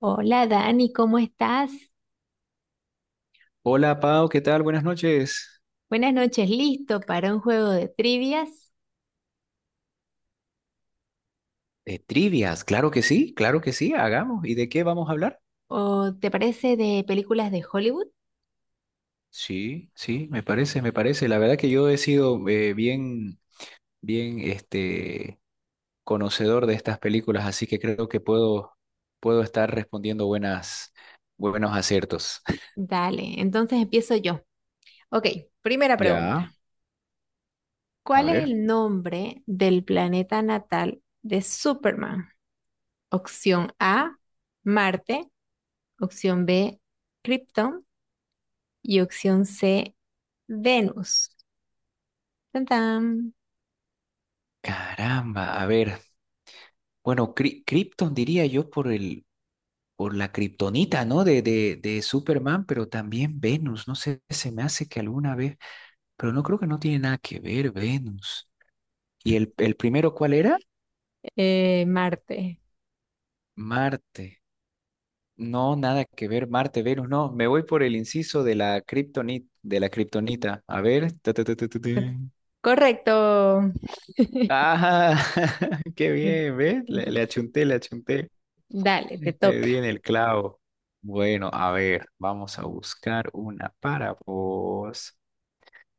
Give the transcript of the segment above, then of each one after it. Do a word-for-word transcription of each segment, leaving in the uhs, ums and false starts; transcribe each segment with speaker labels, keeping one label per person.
Speaker 1: Hola Dani, ¿cómo estás?
Speaker 2: Hola Pau, ¿qué tal? Buenas noches.
Speaker 1: Buenas noches, ¿listo para un juego de trivias?
Speaker 2: Eh, trivias, claro que sí, claro que sí, hagamos. ¿Y de qué vamos a hablar?
Speaker 1: ¿O te parece de películas de Hollywood?
Speaker 2: Sí, sí, me parece, me parece. La verdad que yo he sido eh, bien, bien, este, conocedor de estas películas, así que creo que puedo, puedo estar respondiendo buenas, buenos aciertos.
Speaker 1: Dale, entonces empiezo yo. Ok, primera pregunta.
Speaker 2: Ya, a
Speaker 1: ¿Cuál es
Speaker 2: ver.
Speaker 1: el nombre del planeta natal de Superman? Opción A, Marte. Opción B, Krypton. Y opción C, Venus. Tan, tan.
Speaker 2: Caramba, a ver. Bueno, Cri- Krypton diría yo por el, por la kriptonita, ¿no? De, de, de Superman, pero también Venus. No sé, se me hace que alguna vez. Pero no creo, que no tiene nada que ver Venus. ¿Y el, el primero cuál era?
Speaker 1: Eh, Marte.
Speaker 2: Marte. No, nada que ver, Marte, Venus, no. Me voy por el inciso de la kriptonita, de la kriptonita. A ver. Ta, ta, ta, ta, ta, ta.
Speaker 1: Correcto.
Speaker 2: Ah, qué bien, ¿ves? Le, le
Speaker 1: Sí,
Speaker 2: achunté, le achunté.
Speaker 1: dale, te
Speaker 2: Le
Speaker 1: toca.
Speaker 2: di en el clavo. Bueno, a ver, vamos a buscar una para vos.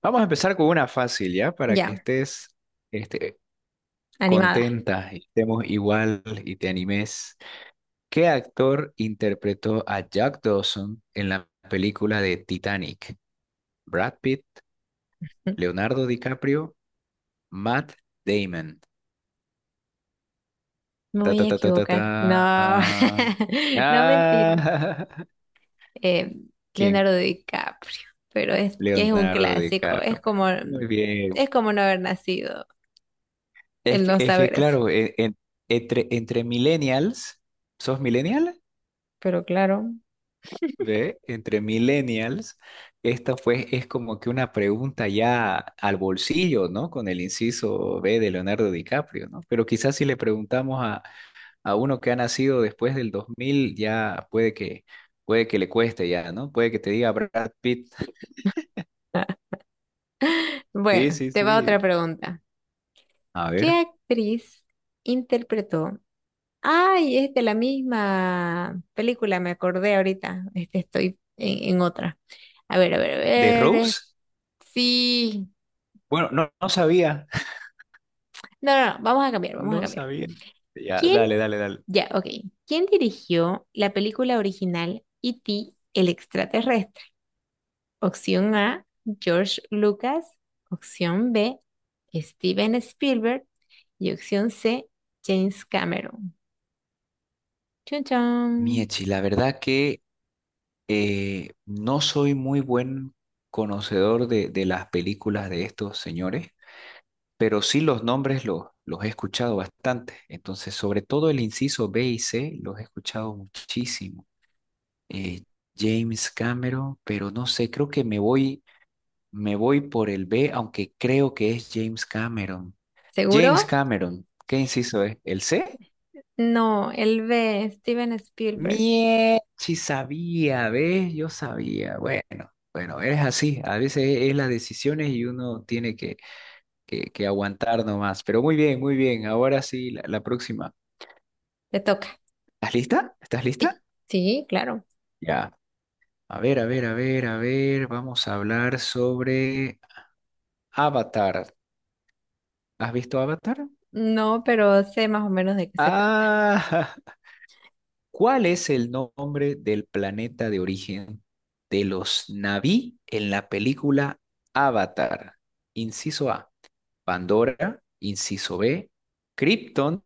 Speaker 2: Vamos a empezar con una fácil, ¿ya? Para que
Speaker 1: Ya,
Speaker 2: estés este,
Speaker 1: animada.
Speaker 2: contenta y estemos igual y te animes. ¿Qué actor interpretó a Jack Dawson en la película de Titanic? Brad Pitt, Leonardo DiCaprio, Matt Damon.
Speaker 1: Me
Speaker 2: Ta,
Speaker 1: voy
Speaker 2: ta,
Speaker 1: a
Speaker 2: ta, ta, ta, ta.
Speaker 1: equivocar. No, no mentira.
Speaker 2: Ah,
Speaker 1: Eh,
Speaker 2: ¿quién?
Speaker 1: Leonardo DiCaprio, pero es que es un
Speaker 2: Leonardo
Speaker 1: clásico. Es
Speaker 2: DiCaprio.
Speaker 1: como,
Speaker 2: Muy bien.
Speaker 1: es como no haber nacido,
Speaker 2: Es
Speaker 1: el
Speaker 2: que,
Speaker 1: no
Speaker 2: es que
Speaker 1: saber eso.
Speaker 2: claro, e- en- entre, entre millennials, ¿sos millennial?
Speaker 1: Pero claro.
Speaker 2: Ve, entre millennials, esta pues es como que una pregunta ya al bolsillo, ¿no? Con el inciso B de Leonardo DiCaprio, ¿no? Pero quizás si le preguntamos a, a uno que ha nacido después del dos mil, ya puede que, puede que le cueste ya, ¿no? Puede que te diga Brad Pitt. Sí,
Speaker 1: Bueno,
Speaker 2: sí,
Speaker 1: te va otra
Speaker 2: sí.
Speaker 1: pregunta.
Speaker 2: A
Speaker 1: ¿Qué
Speaker 2: ver,
Speaker 1: actriz interpretó? Ay, es de la misma película, me acordé ahorita. Este, estoy en, en otra. A ver, a ver, a
Speaker 2: ¿de
Speaker 1: ver. eh,
Speaker 2: Rose?
Speaker 1: Sí.
Speaker 2: Bueno, no, no sabía,
Speaker 1: No, no, no, vamos a cambiar, vamos a
Speaker 2: no
Speaker 1: cambiar.
Speaker 2: sabía. Ya,
Speaker 1: ¿Quién?
Speaker 2: dale, dale, dale.
Speaker 1: Ya, ok. ¿Quién dirigió la película original E T el extraterrestre? Opción A, George Lucas. Opción B, Steven Spielberg. Y opción C, James Cameron. Chun chun.
Speaker 2: Miechi, la verdad que Eh, no soy muy buen conocedor de, de las películas de estos señores, pero sí los nombres los, los he escuchado bastante. Entonces, sobre todo el inciso B y C, los he escuchado muchísimo. Eh, James Cameron, pero no sé, creo que me voy, me voy por el B, aunque creo que es James Cameron.
Speaker 1: ¿Seguro?
Speaker 2: James Cameron, ¿qué inciso es? ¿El C?
Speaker 1: No, el B, Steven Spielberg.
Speaker 2: Mie, si sabía, ¿ves? Yo sabía. Bueno, bueno, es así. A veces es las decisiones y uno tiene que, que, que aguantar nomás. Pero muy bien, muy bien. Ahora sí, la, la próxima.
Speaker 1: Te toca.
Speaker 2: ¿Estás lista? ¿Estás lista?
Speaker 1: Sí, claro.
Speaker 2: Ya. A ver, a ver, a ver, a ver. Vamos a hablar sobre Avatar. ¿Has visto Avatar?
Speaker 1: No, pero sé más o menos de qué se trata.
Speaker 2: Ah, ¿Cuál es el nombre del planeta de origen de los Na'vi en la película Avatar? Inciso A, Pandora. Inciso B, Krypton.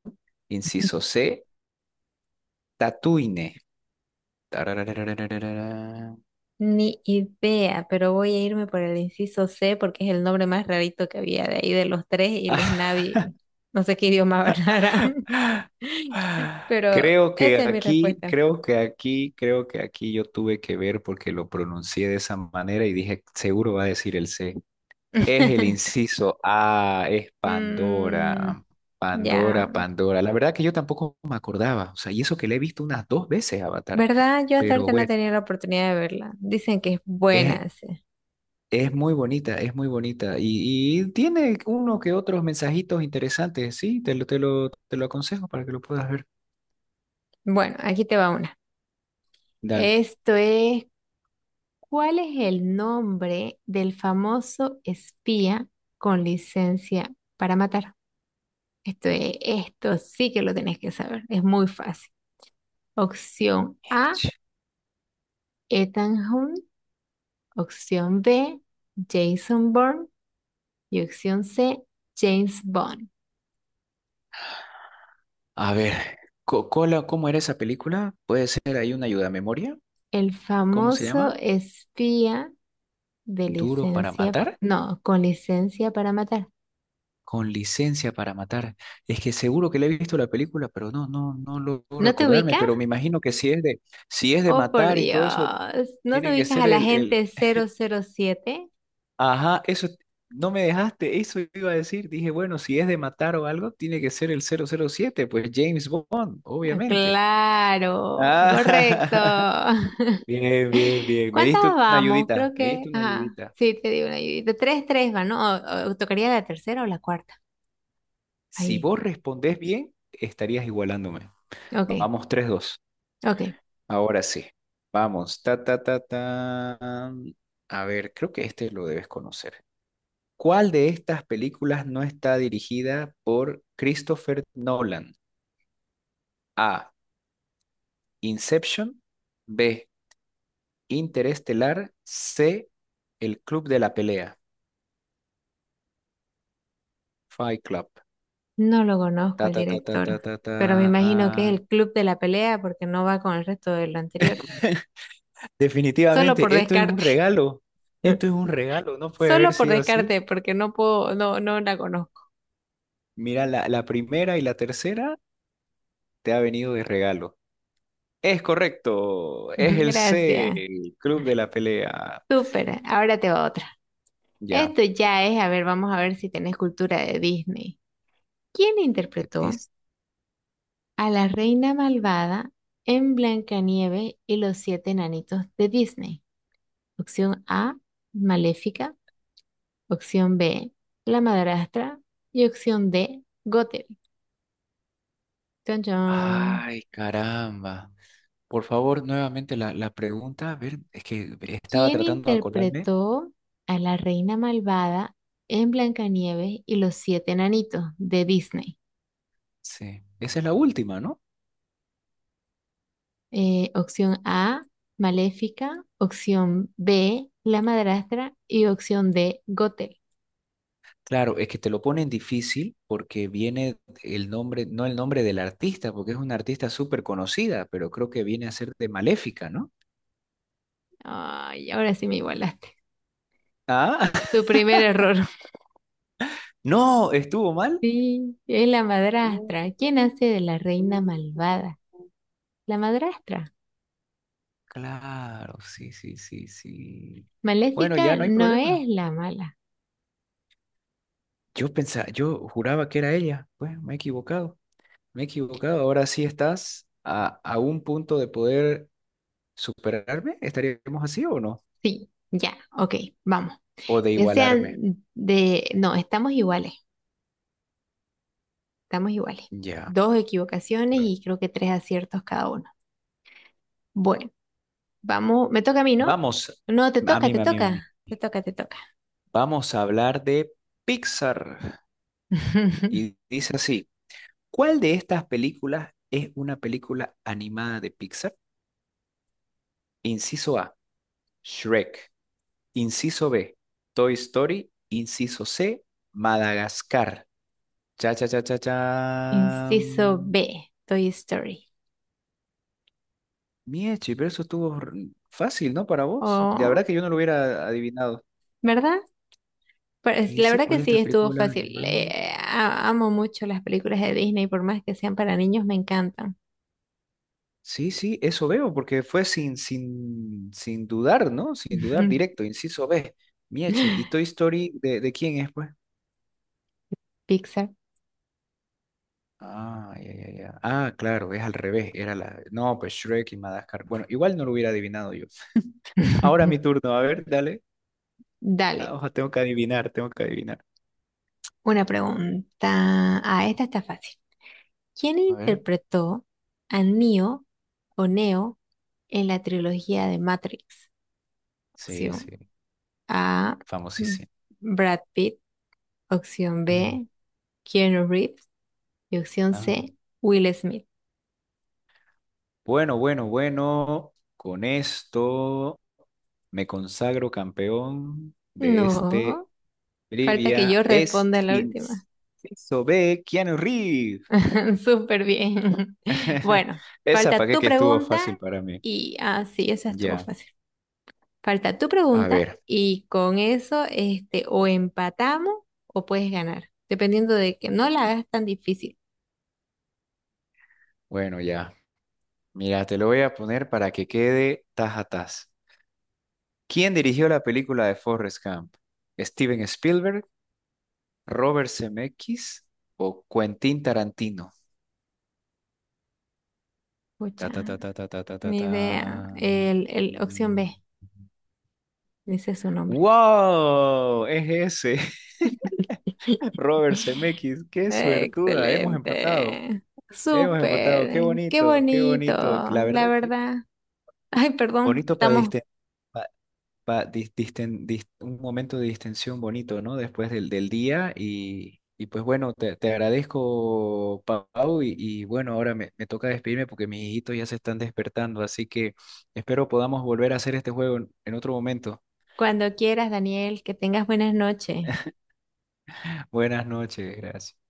Speaker 2: Inciso C, Tatooine.
Speaker 1: Ni idea, pero voy a irme por el inciso C porque es el nombre más rarito que había de ahí de los tres y los Navi, no sé qué idioma hablarán.
Speaker 2: Ah,
Speaker 1: Pero
Speaker 2: creo que
Speaker 1: esa es mi
Speaker 2: aquí,
Speaker 1: respuesta.
Speaker 2: creo que aquí, creo que aquí yo tuve que ver porque lo pronuncié de esa manera y dije, seguro va a decir el C. Es el inciso A, es
Speaker 1: Mm,
Speaker 2: Pandora.
Speaker 1: ya,
Speaker 2: Pandora, Pandora. La verdad que yo tampoco me acordaba. O sea, y eso que le he visto unas dos veces Avatar.
Speaker 1: ¿verdad? Yo hasta
Speaker 2: Pero
Speaker 1: ahorita no he
Speaker 2: bueno,
Speaker 1: tenido la oportunidad de verla. Dicen que es
Speaker 2: es,
Speaker 1: buena. Sí.
Speaker 2: es muy bonita, es muy bonita. Y, y tiene uno que otros mensajitos interesantes. Sí, te lo, te lo, te lo aconsejo para que lo puedas ver.
Speaker 1: Bueno, aquí te va una.
Speaker 2: Dale.
Speaker 1: Esto es, ¿cuál es el nombre del famoso espía con licencia para matar? Esto es- esto sí que lo tenés que saber. Es muy fácil. Opción A,
Speaker 2: Ech.
Speaker 1: Ethan Hunt. Opción B, Jason Bourne. Y opción C, James Bond.
Speaker 2: A ver, Co- Cola, ¿cómo era esa película? ¿Puede ser ahí una ayuda a memoria?
Speaker 1: El
Speaker 2: ¿Cómo se
Speaker 1: famoso
Speaker 2: llama?
Speaker 1: espía de
Speaker 2: ¿Duro para
Speaker 1: licencia,
Speaker 2: matar?
Speaker 1: no, con licencia para matar.
Speaker 2: Con licencia para matar. Es que seguro que le he visto la película, pero no, no, no logro
Speaker 1: ¿No te
Speaker 2: acordarme.
Speaker 1: ubicas?
Speaker 2: Pero me imagino que si es de, si es de
Speaker 1: Oh, por
Speaker 2: matar y todo eso,
Speaker 1: Dios. ¿No te
Speaker 2: tiene que
Speaker 1: ubicas
Speaker 2: ser
Speaker 1: al
Speaker 2: el, el,
Speaker 1: agente cero cero siete?
Speaker 2: ajá, eso, no me dejaste, eso iba a decir. Dije, bueno, si es de matar o algo, tiene que ser el cero cero siete, pues James Bond,
Speaker 1: Ah,
Speaker 2: obviamente.
Speaker 1: claro,
Speaker 2: Ah,
Speaker 1: correcto.
Speaker 2: bien, bien, bien. Me
Speaker 1: ¿Cuántas
Speaker 2: diste una
Speaker 1: vamos? Creo
Speaker 2: ayudita, me
Speaker 1: que,
Speaker 2: diste una
Speaker 1: ajá,
Speaker 2: ayudita.
Speaker 1: sí, te digo una ayudita. Tres, tres van, ¿no? O, o tocaría la tercera o la cuarta.
Speaker 2: Si
Speaker 1: Ahí.
Speaker 2: vos respondés bien, estarías igualándome.
Speaker 1: Ok,
Speaker 2: Vamos, tres, dos.
Speaker 1: ok.
Speaker 2: Ahora sí. Vamos. Ta, ta, ta, ta. A ver, creo que este lo debes conocer. ¿Cuál de estas películas no está dirigida por Christopher Nolan? A. Inception. B. Interestelar. C. El Club de la Pelea. Fight Club.
Speaker 1: No lo conozco
Speaker 2: Ta,
Speaker 1: el
Speaker 2: ta, ta, ta, ta,
Speaker 1: director,
Speaker 2: ta, ta.
Speaker 1: pero me imagino que es el club de la pelea porque no va con el resto de lo anterior. Solo por
Speaker 2: Definitivamente, esto es un
Speaker 1: descarte.
Speaker 2: regalo. Esto es un regalo. No puede haber
Speaker 1: Solo por
Speaker 2: sido así.
Speaker 1: descarte, porque no puedo, no, no la conozco.
Speaker 2: Mira, la, la primera y la tercera te ha venido de regalo. Es correcto, es el C,
Speaker 1: Gracias.
Speaker 2: el Club de la Pelea.
Speaker 1: Súper. Ahora te va otra.
Speaker 2: Ya.
Speaker 1: Esto ya es, a ver, vamos a ver si tenés cultura de Disney. ¿Quién interpretó
Speaker 2: Dis-
Speaker 1: a la reina malvada en Blancanieves y los siete enanitos de Disney? Opción A, Maléfica. Opción B, la madrastra. Y opción D, Gothel. Chon, chon.
Speaker 2: Ay, caramba. Por favor, nuevamente la, la pregunta. A ver, es que estaba
Speaker 1: ¿Quién
Speaker 2: tratando de acordarme.
Speaker 1: interpretó a la reina malvada en Blancanieves y los siete enanitos de Disney?
Speaker 2: Sí, esa es la última, ¿no?
Speaker 1: Eh, opción A, Maléfica. Opción B, la madrastra. Y opción D, Gothel.
Speaker 2: Claro, es que te lo ponen difícil porque viene el nombre, no el nombre del artista, porque es una artista súper conocida, pero creo que viene a ser de Maléfica, ¿no?
Speaker 1: Ay, ahora sí me igualaste.
Speaker 2: Ah,
Speaker 1: Tu primer error.
Speaker 2: no, estuvo mal.
Speaker 1: Sí, es la madrastra.
Speaker 2: Uh,
Speaker 1: ¿Quién hace de la reina
Speaker 2: uh.
Speaker 1: malvada? La madrastra.
Speaker 2: Claro, sí, sí, sí, sí. Bueno, ya
Speaker 1: Maléfica
Speaker 2: no hay
Speaker 1: no
Speaker 2: problema.
Speaker 1: es la mala.
Speaker 2: Yo pensaba, yo juraba que era ella. Bueno, me he equivocado, me he equivocado. Ahora sí estás a, a un punto de poder superarme. ¿Estaríamos así o no?
Speaker 1: Sí, ya, ok, vamos.
Speaker 2: O de
Speaker 1: Que
Speaker 2: igualarme.
Speaker 1: sean de... No, estamos iguales, estamos iguales.
Speaker 2: Ya.
Speaker 1: Dos equivocaciones
Speaker 2: Bueno,
Speaker 1: y creo que tres aciertos cada uno. Bueno, vamos, me toca a mí, ¿no?
Speaker 2: vamos,
Speaker 1: No, te
Speaker 2: a
Speaker 1: toca,
Speaker 2: mí,
Speaker 1: te
Speaker 2: a mí, a mí.
Speaker 1: toca, te toca, te toca.
Speaker 2: Vamos a hablar de Pixar. Y dice así, ¿cuál de estas películas es una película animada de Pixar? Inciso A, Shrek. Inciso B, Toy Story. Inciso C, Madagascar. Cha, cha, cha, cha, cha.
Speaker 1: Inciso B, Toy Story.
Speaker 2: Miechi, pero eso estuvo r- fácil, ¿no? Para vos. La
Speaker 1: Oh,
Speaker 2: verdad que yo no lo hubiera adivinado.
Speaker 1: ¿verdad? Pero
Speaker 2: ¿Qué
Speaker 1: es- la
Speaker 2: dice?
Speaker 1: verdad
Speaker 2: ¿Cuál
Speaker 1: que
Speaker 2: de
Speaker 1: sí,
Speaker 2: estas
Speaker 1: estuvo
Speaker 2: películas
Speaker 1: fácil.
Speaker 2: animadas?
Speaker 1: Le- a- amo mucho las películas de Disney, por más que sean para niños, me encantan.
Speaker 2: Sí, sí, eso veo, porque fue sin, sin, sin dudar, ¿no? Sin dudar, directo, inciso B. Miechi, ¿y Toy Story de, de quién es, pues?
Speaker 1: Pixar.
Speaker 2: Ah, ya, ya, ya. Ah, claro, es al revés. Era la. No, pues Shrek y Madagascar. Bueno, igual no lo hubiera adivinado yo. Ahora mi turno, a ver, dale. Ah,
Speaker 1: Dale,
Speaker 2: ojo, tengo que adivinar, tengo que adivinar.
Speaker 1: una pregunta. Ah, esta está fácil. ¿Quién
Speaker 2: A ver.
Speaker 1: interpretó a Neo o Neo en la trilogía de Matrix?
Speaker 2: Sí,
Speaker 1: Opción
Speaker 2: sí,
Speaker 1: A, M-
Speaker 2: famosísimo.
Speaker 1: Brad Pitt. Opción
Speaker 2: Mm.
Speaker 1: B, Keanu Reeves. Y opción
Speaker 2: Ah,
Speaker 1: C, Will Smith.
Speaker 2: bueno, bueno, bueno. Con esto me consagro campeón de este
Speaker 1: No, falta que yo
Speaker 2: trivia. Es
Speaker 1: responda la última.
Speaker 2: inciso B, Keanu Reeves.
Speaker 1: Súper bien. Bueno,
Speaker 2: Esa para
Speaker 1: falta
Speaker 2: qué,
Speaker 1: tu
Speaker 2: que estuvo
Speaker 1: pregunta
Speaker 2: fácil para mí.
Speaker 1: y ah, sí, esa estuvo
Speaker 2: Ya.
Speaker 1: fácil. Falta tu
Speaker 2: A
Speaker 1: pregunta
Speaker 2: ver,
Speaker 1: y con eso este, o empatamos o puedes ganar, dependiendo de que no la hagas tan difícil.
Speaker 2: bueno, ya. Mira, te lo voy a poner para que quede tas a tas. ¿Quién dirigió la película de Forrest Gump? ¿Steven Spielberg, Robert Zemeckis o Quentin Tarantino? Ta, ta,
Speaker 1: Pucha,
Speaker 2: ta, ta, ta, ta, ta, ta,
Speaker 1: ni
Speaker 2: ta.
Speaker 1: idea. El, el opción
Speaker 2: Mm.
Speaker 1: B, dice su nombre.
Speaker 2: ¡Wow! Es ese, Robert Zemeckis. ¡Qué suertuda! Hemos empatado.
Speaker 1: Excelente.
Speaker 2: Hemos empatado. ¡Qué
Speaker 1: Súper. Qué
Speaker 2: bonito! ¡Qué
Speaker 1: bonito,
Speaker 2: bonito! La
Speaker 1: la
Speaker 2: verdad que
Speaker 1: verdad. Ay, perdón.
Speaker 2: bonito para
Speaker 1: Estamos
Speaker 2: distender. Pa- dis- disten- dis- un momento de distensión bonito, ¿no? Después del, del día y, y pues bueno, te, te agradezco, Pau, y, y bueno, ahora me, me toca despedirme porque mis hijitos ya se están despertando, así que espero podamos volver a hacer este juego en en otro momento.
Speaker 1: cuando quieras, Daniel. Que tengas buenas noches.
Speaker 2: Buenas noches, gracias.